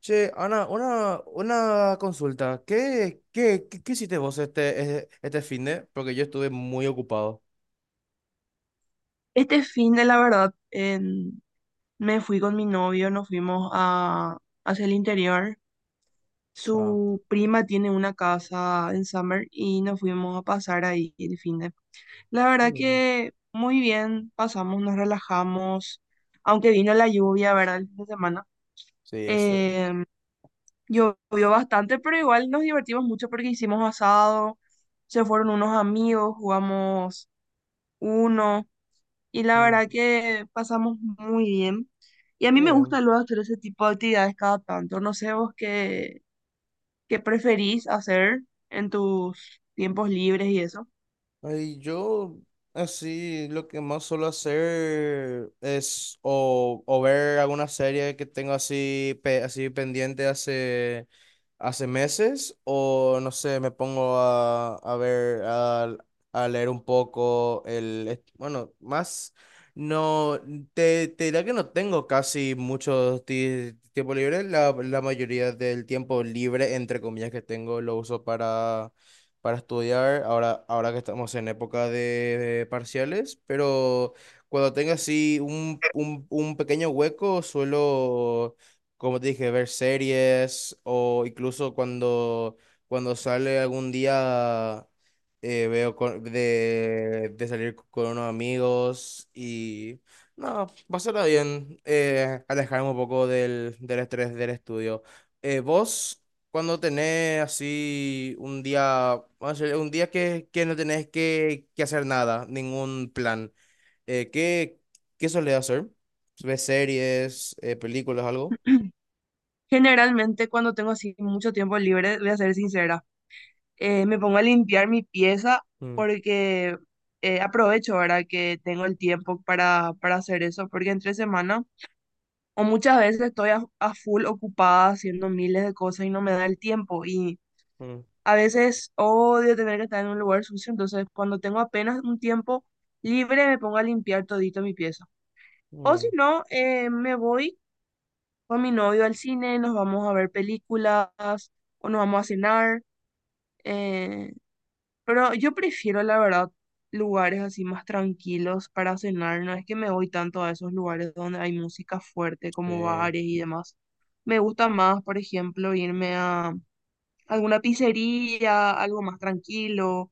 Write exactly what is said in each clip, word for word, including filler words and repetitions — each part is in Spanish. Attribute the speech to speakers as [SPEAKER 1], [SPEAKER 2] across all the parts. [SPEAKER 1] Che, Ana, una, una consulta. ¿Qué, qué, qué, qué hiciste vos este, eh, este finde? Porque yo estuve muy ocupado. O
[SPEAKER 2] Este fin de la verdad, en- me fui con mi novio, nos fuimos a, hacia el interior.
[SPEAKER 1] sea.
[SPEAKER 2] Su prima tiene una casa en Summer y nos fuimos a pasar ahí el fin de. La verdad
[SPEAKER 1] Mm.
[SPEAKER 2] que muy bien, pasamos, nos relajamos, aunque vino la lluvia, ¿verdad? El fin de semana.
[SPEAKER 1] Sí, eso.
[SPEAKER 2] Em, Llovió bastante, pero igual nos divertimos mucho porque hicimos asado, se fueron unos amigos, jugamos uno. Y la
[SPEAKER 1] Mm,
[SPEAKER 2] verdad que pasamos muy bien. Y a
[SPEAKER 1] qué
[SPEAKER 2] mí me
[SPEAKER 1] bien.
[SPEAKER 2] gusta luego hacer ese tipo de actividades cada tanto. No sé vos qué, qué preferís hacer en tus tiempos libres y eso.
[SPEAKER 1] Ay, yo así lo que más suelo hacer es o, o ver alguna serie que tengo así, pe- así pendiente hace, hace meses o no sé, me pongo a, a ver, a, a leer un poco el, est- bueno, más, no, te, te diría que no tengo casi mucho ti- tiempo libre, la, la mayoría del tiempo libre, entre comillas, que tengo lo uso para para estudiar ahora, ahora que estamos en época de, de parciales, pero cuando tenga así un, un, un pequeño hueco, suelo, como te dije, ver series o incluso cuando, cuando sale algún día eh, veo con- de, de salir con unos amigos y no, pasará bien, eh, alejarme un poco del, del estrés del estudio. Eh, ¿vos? Cuando tenés así un día, vamos a decir, un día que, que no tenés que, que hacer nada, ningún plan, eh, ¿qué, qué solés hacer? ¿Ves series, eh, películas, algo?
[SPEAKER 2] Generalmente cuando tengo así mucho tiempo libre, voy a ser sincera, eh, me pongo a limpiar mi pieza
[SPEAKER 1] Mm,
[SPEAKER 2] porque eh, aprovecho ahora que tengo el tiempo para, para hacer eso, porque entre semana o muchas veces estoy a, a full ocupada haciendo miles de cosas y no me da el tiempo. Y
[SPEAKER 1] mm,
[SPEAKER 2] a veces odio tener que estar en un lugar sucio, entonces cuando tengo apenas un tiempo libre me pongo a limpiar todito mi pieza. O si
[SPEAKER 1] bien,
[SPEAKER 2] no, eh, me voy con mi novio al cine, nos vamos a ver películas o nos vamos a cenar. eh, pero yo prefiero, la verdad, lugares así más tranquilos para cenar. No es que me voy tanto a esos lugares donde hay música fuerte como
[SPEAKER 1] sí.
[SPEAKER 2] bares y demás. Me gusta más, por ejemplo, irme a alguna pizzería, algo más tranquilo.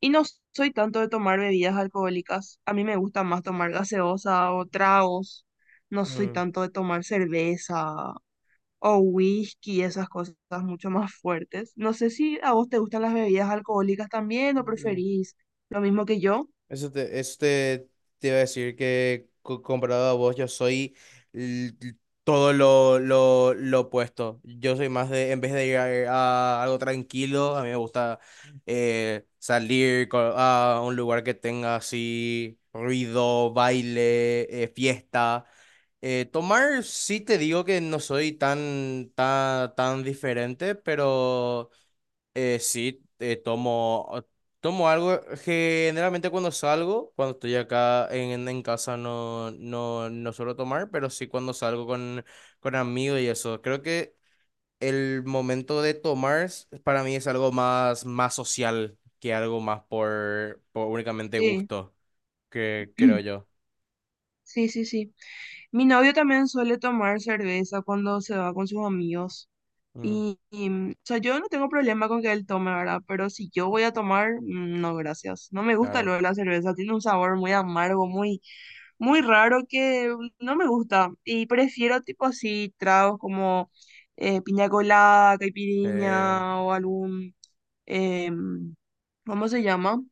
[SPEAKER 2] Y no soy tanto de tomar bebidas alcohólicas. A mí me gusta más tomar gaseosa o tragos. No soy
[SPEAKER 1] Mm,
[SPEAKER 2] tanto de tomar cerveza o whisky, esas cosas mucho más fuertes. No sé si a vos te gustan las bebidas alcohólicas también o
[SPEAKER 1] mm.
[SPEAKER 2] preferís lo mismo que yo.
[SPEAKER 1] Eso te, eso te, te iba a decir que co- comparado a vos, yo soy l- l- todo lo, lo, lo opuesto. Yo soy más de, en vez de ir a, a algo tranquilo, a mí me gusta eh, salir co- a un lugar que tenga así ruido, baile, eh, fiesta. Eh, tomar, sí te digo que no soy tan, tan, tan diferente, pero... Eh, sí, eh, tomo, tomo algo. Generalmente cuando salgo, cuando estoy acá en, en casa no, no, no suelo tomar, pero sí cuando salgo con, con amigos y eso. Creo que el momento de tomar s- para mí es algo más, más social que algo más por, por únicamente
[SPEAKER 2] Sí,
[SPEAKER 1] gusto, que creo yo.
[SPEAKER 2] sí, sí, sí. Mi novio también suele tomar cerveza cuando se va con sus amigos.
[SPEAKER 1] Mm,
[SPEAKER 2] Y, y, mm, o sea, yo no tengo problema con que él tome, ¿verdad? Pero si yo voy a tomar, mm, no, gracias. No me gusta
[SPEAKER 1] claro.
[SPEAKER 2] luego la cerveza, tiene un sabor muy amargo, muy, muy raro que no me gusta. Y prefiero tipo así tragos como eh, piña colada,
[SPEAKER 1] Eh,
[SPEAKER 2] caipirinha o algún, em, ¿cómo se llama?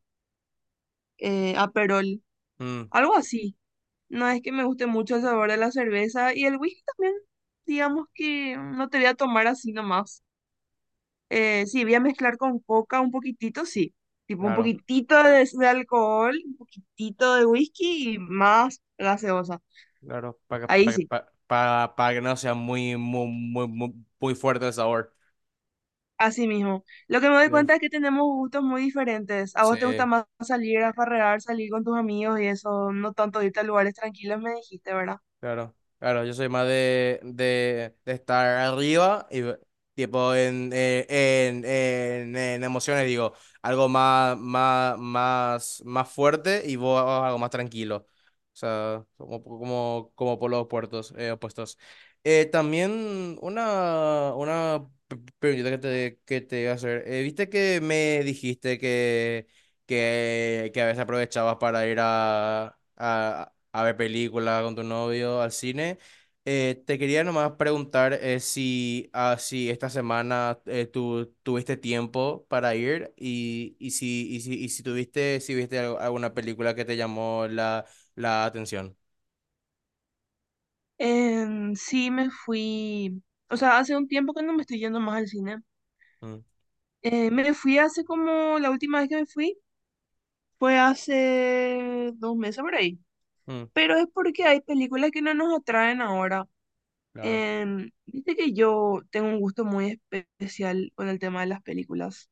[SPEAKER 2] Eh, Aperol,
[SPEAKER 1] mm,
[SPEAKER 2] algo así. No es que me guste mucho el sabor de la cerveza y el whisky también, digamos que no te voy a tomar así nomás. Eh, sí, voy a mezclar con coca un poquitito, sí. Tipo un
[SPEAKER 1] claro,
[SPEAKER 2] poquitito de, de alcohol, un poquitito de whisky y más gaseosa.
[SPEAKER 1] claro. Para
[SPEAKER 2] Ahí
[SPEAKER 1] que, para,
[SPEAKER 2] sí,
[SPEAKER 1] para, para que no sea muy, muy, muy, muy muy fuerte el sabor.
[SPEAKER 2] así mismo. Lo que me doy
[SPEAKER 1] Sí.
[SPEAKER 2] cuenta es que tenemos gustos muy diferentes. A
[SPEAKER 1] Sí,
[SPEAKER 2] vos te gusta más salir a farrear, salir con tus amigos y eso, no tanto irte a lugares tranquilos, me dijiste, ¿verdad?
[SPEAKER 1] claro. Claro, yo soy más de, de, de estar arriba y ve- tipo en, eh, en, en, en emociones, digo, algo más, más, más, más fuerte y vos algo más tranquilo. O sea, como, como, como por los puertos, eh, opuestos. Eh, también una, una p- pregunta que te, que te iba a hacer. Eh, ¿viste que me dijiste que, que, que a veces aprovechabas para ir a, a, a ver películas con tu novio, al cine? Eh, te quería nomás preguntar eh, si, ah, si esta semana eh, tú tuviste tiempo para ir y, y si, y si, y si tuviste, si viste al- alguna película que te llamó la, la atención.
[SPEAKER 2] Em, sí, me fui. O sea, hace un tiempo que no me estoy yendo más al cine.
[SPEAKER 1] Mm,
[SPEAKER 2] Eh, me fui hace como, la última vez que me fui fue hace dos meses por ahí.
[SPEAKER 1] mm,
[SPEAKER 2] Pero es porque hay películas que no nos atraen ahora.
[SPEAKER 1] claro.
[SPEAKER 2] Em, viste que yo tengo un gusto muy especial con el tema de las películas.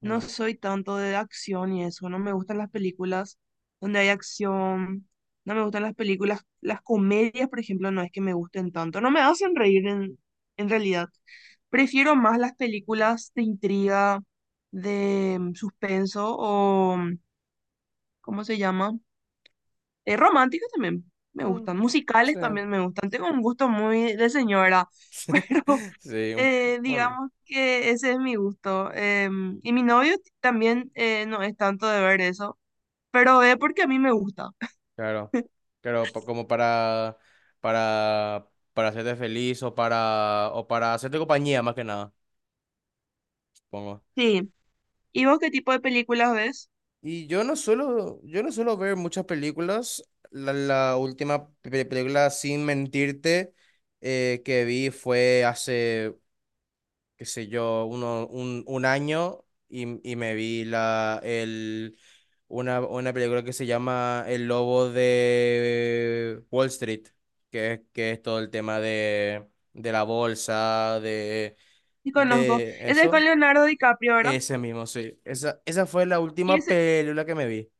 [SPEAKER 2] No
[SPEAKER 1] Mm,
[SPEAKER 2] soy tanto de acción y eso, no me gustan las películas donde hay acción, no me gustan las películas, las comedias, por ejemplo, no es que me gusten tanto, no me hacen reír en, en realidad. Prefiero más las películas de intriga, de mm, suspenso o, mm, ¿cómo se llama? Eh, románticos también me
[SPEAKER 1] mm,
[SPEAKER 2] gustan, musicales
[SPEAKER 1] sí.
[SPEAKER 2] también me gustan. Tengo un gusto muy de señora, pero
[SPEAKER 1] Sí, un-
[SPEAKER 2] eh,
[SPEAKER 1] bueno,
[SPEAKER 2] digamos que ese es mi gusto. Em, y mi novio t- también eh, no es tanto de ver eso, pero ve porque a mí me gusta.
[SPEAKER 1] claro. Claro, pa- como para, para, para hacerte feliz o para, o para hacerte compañía más que nada, supongo.
[SPEAKER 2] Sí. ¿Y vos qué tipo de películas ves?
[SPEAKER 1] Y yo no suelo, yo no suelo ver muchas películas. La, la última pe- película, sin mentirte, eh, que vi fue hace, qué sé yo, uno, un, un año y, y me vi la, el, una, una película que se llama El Lobo de Wall Street, que es, que es todo el tema de, de la bolsa, de,
[SPEAKER 2] Y conozco.
[SPEAKER 1] de
[SPEAKER 2] Ese es con
[SPEAKER 1] eso.
[SPEAKER 2] Leonardo DiCaprio, ¿verdad?
[SPEAKER 1] Ese mismo, sí. Esa, esa fue la
[SPEAKER 2] Y
[SPEAKER 1] última
[SPEAKER 2] ese,
[SPEAKER 1] película que me vi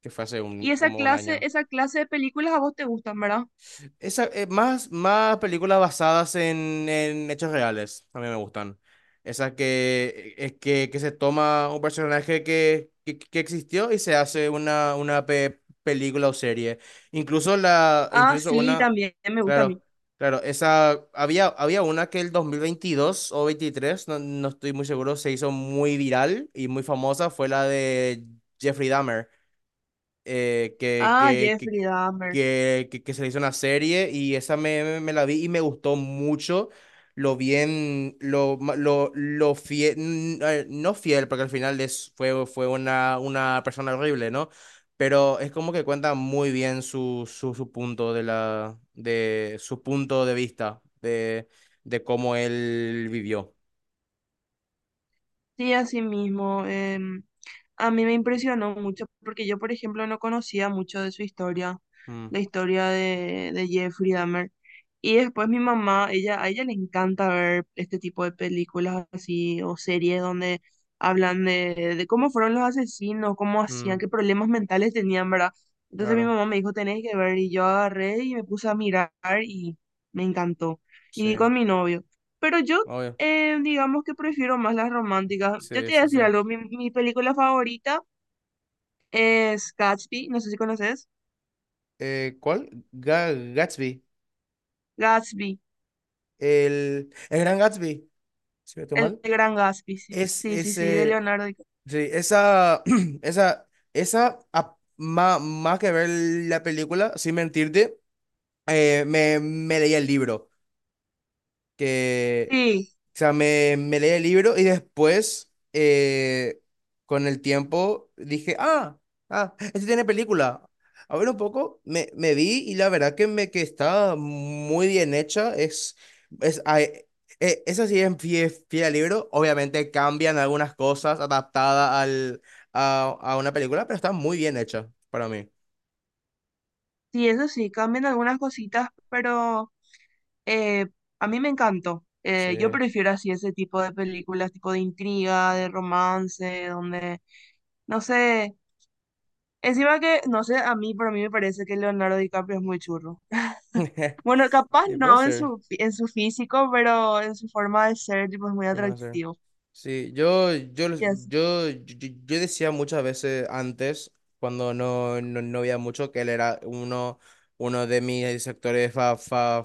[SPEAKER 1] que fue hace un,
[SPEAKER 2] y esa
[SPEAKER 1] como un
[SPEAKER 2] clase,
[SPEAKER 1] año.
[SPEAKER 2] esa clase de películas a vos te gustan, ¿verdad?
[SPEAKER 1] Esa, eh, más, más películas basadas en, en hechos reales, a mí me gustan. Esas que, eh, que, que se toma un personaje que, que, que existió y se hace una, una pe- película o serie. Incluso, la,
[SPEAKER 2] Ah,
[SPEAKER 1] incluso
[SPEAKER 2] sí,
[SPEAKER 1] una,
[SPEAKER 2] también me gusta a mí.
[SPEAKER 1] claro, claro, esa, había, había una que el dos mil veintidós o veintitrés no, no estoy muy seguro, se hizo muy viral y muy famosa, fue la de Jeffrey Dahmer eh, que,
[SPEAKER 2] Ah,
[SPEAKER 1] que, que,
[SPEAKER 2] Jeffrey Dahmer.
[SPEAKER 1] que, que, que se le hizo una serie y esa me, me, me la vi y me gustó mucho lo bien, lo, ma- lo, lo fiel, no fiel, porque al final es, fue, fue una, una persona horrible, ¿no? Pero es como que cuenta muy bien su, su, su punto de la, de su punto de vista de, de cómo él vivió.
[SPEAKER 2] Sí, así mismo. Em, a mí me impresionó mucho porque yo, por ejemplo, no conocía mucho de su historia,
[SPEAKER 1] Mm,
[SPEAKER 2] la historia de, de Jeffrey Dahmer. Y después mi mamá, ella, a ella le encanta ver este tipo de películas así o series donde hablan de, de cómo fueron los asesinos, cómo hacían,
[SPEAKER 1] mm,
[SPEAKER 2] qué problemas mentales tenían, ¿verdad? Entonces mi
[SPEAKER 1] claro,
[SPEAKER 2] mamá me dijo, tenés que ver, y yo agarré y me puse a mirar y me encantó. Y
[SPEAKER 1] sí,
[SPEAKER 2] vi con mi novio. Pero yo
[SPEAKER 1] obvio,
[SPEAKER 2] eh, digamos que prefiero más las románticas. Yo
[SPEAKER 1] sí,
[SPEAKER 2] te voy a
[SPEAKER 1] sí,
[SPEAKER 2] decir
[SPEAKER 1] sí.
[SPEAKER 2] algo, mi, mi película favorita es Gatsby, no sé si conoces.
[SPEAKER 1] Eh, ¿cuál? Ga- Gatsby.
[SPEAKER 2] Gatsby,
[SPEAKER 1] El, el Gran Gatsby, si no estoy
[SPEAKER 2] el
[SPEAKER 1] mal,
[SPEAKER 2] gran Gatsby, sí,
[SPEAKER 1] es
[SPEAKER 2] sí, sí, sí, de
[SPEAKER 1] ese,
[SPEAKER 2] Leonardo DiCaprio.
[SPEAKER 1] sí, esa, esa, esa, a- ma- más que ver la película, sin mentirte, eh, me, me leí el libro, que...
[SPEAKER 2] Sí,
[SPEAKER 1] O sea, me, me leí el libro y después, eh, con el tiempo, dije, ah, ah, este tiene película. A ver un poco, me, me vi y la verdad que, me, que está muy bien hecha. Es, es, ay, eh, Esa sí es fie- fiel al libro. Obviamente cambian algunas cosas adaptada al, a, a una película, pero está muy bien hecha para mí.
[SPEAKER 2] sí, eso sí, cambian algunas cositas, pero eh, a mí me encantó. Eh, yo
[SPEAKER 1] Sí.
[SPEAKER 2] prefiero así ese tipo de películas, tipo de intriga, de romance, donde, no sé, encima que, no sé, a mí, por mí me parece que Leonardo DiCaprio es muy churro. Bueno, capaz
[SPEAKER 1] Y puede
[SPEAKER 2] no en su,
[SPEAKER 1] ser.
[SPEAKER 2] fí- en su físico, pero en su forma de ser, tipo, es muy
[SPEAKER 1] Puede ser.
[SPEAKER 2] atractivo.
[SPEAKER 1] Sí, yo, yo, yo,
[SPEAKER 2] Y así.
[SPEAKER 1] yo, yo- yo decía muchas veces antes, cuando no, no, no veía mucho, que él era uno, uno de mis sectores fa- fa-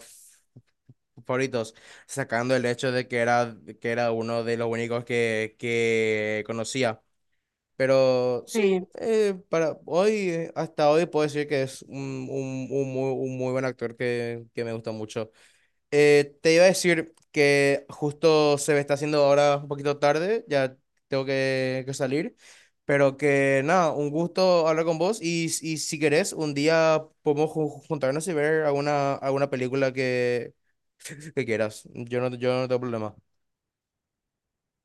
[SPEAKER 1] favoritos, sacando el hecho de que era, que era uno de los únicos que, que conocía. Pero sí,
[SPEAKER 2] Sí,
[SPEAKER 1] eh, para hoy, eh, hasta hoy puedo decir que es un, un, un muy, un muy buen actor que, que me gusta mucho. Eh, te iba a decir que justo se me está haciendo ahora un poquito tarde, ya tengo que, que salir, pero que nada, un gusto hablar con vos y, y si querés, un día podemos ju- juntarnos y ver alguna, alguna película que, que quieras. Yo no, yo no tengo problema.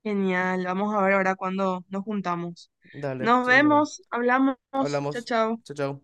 [SPEAKER 2] genial. Vamos a ver ahora cuando nos juntamos.
[SPEAKER 1] Dale,
[SPEAKER 2] Nos
[SPEAKER 1] sin problema.
[SPEAKER 2] vemos, hablamos. Chao,
[SPEAKER 1] Hablamos.
[SPEAKER 2] chao.
[SPEAKER 1] Chao, chao.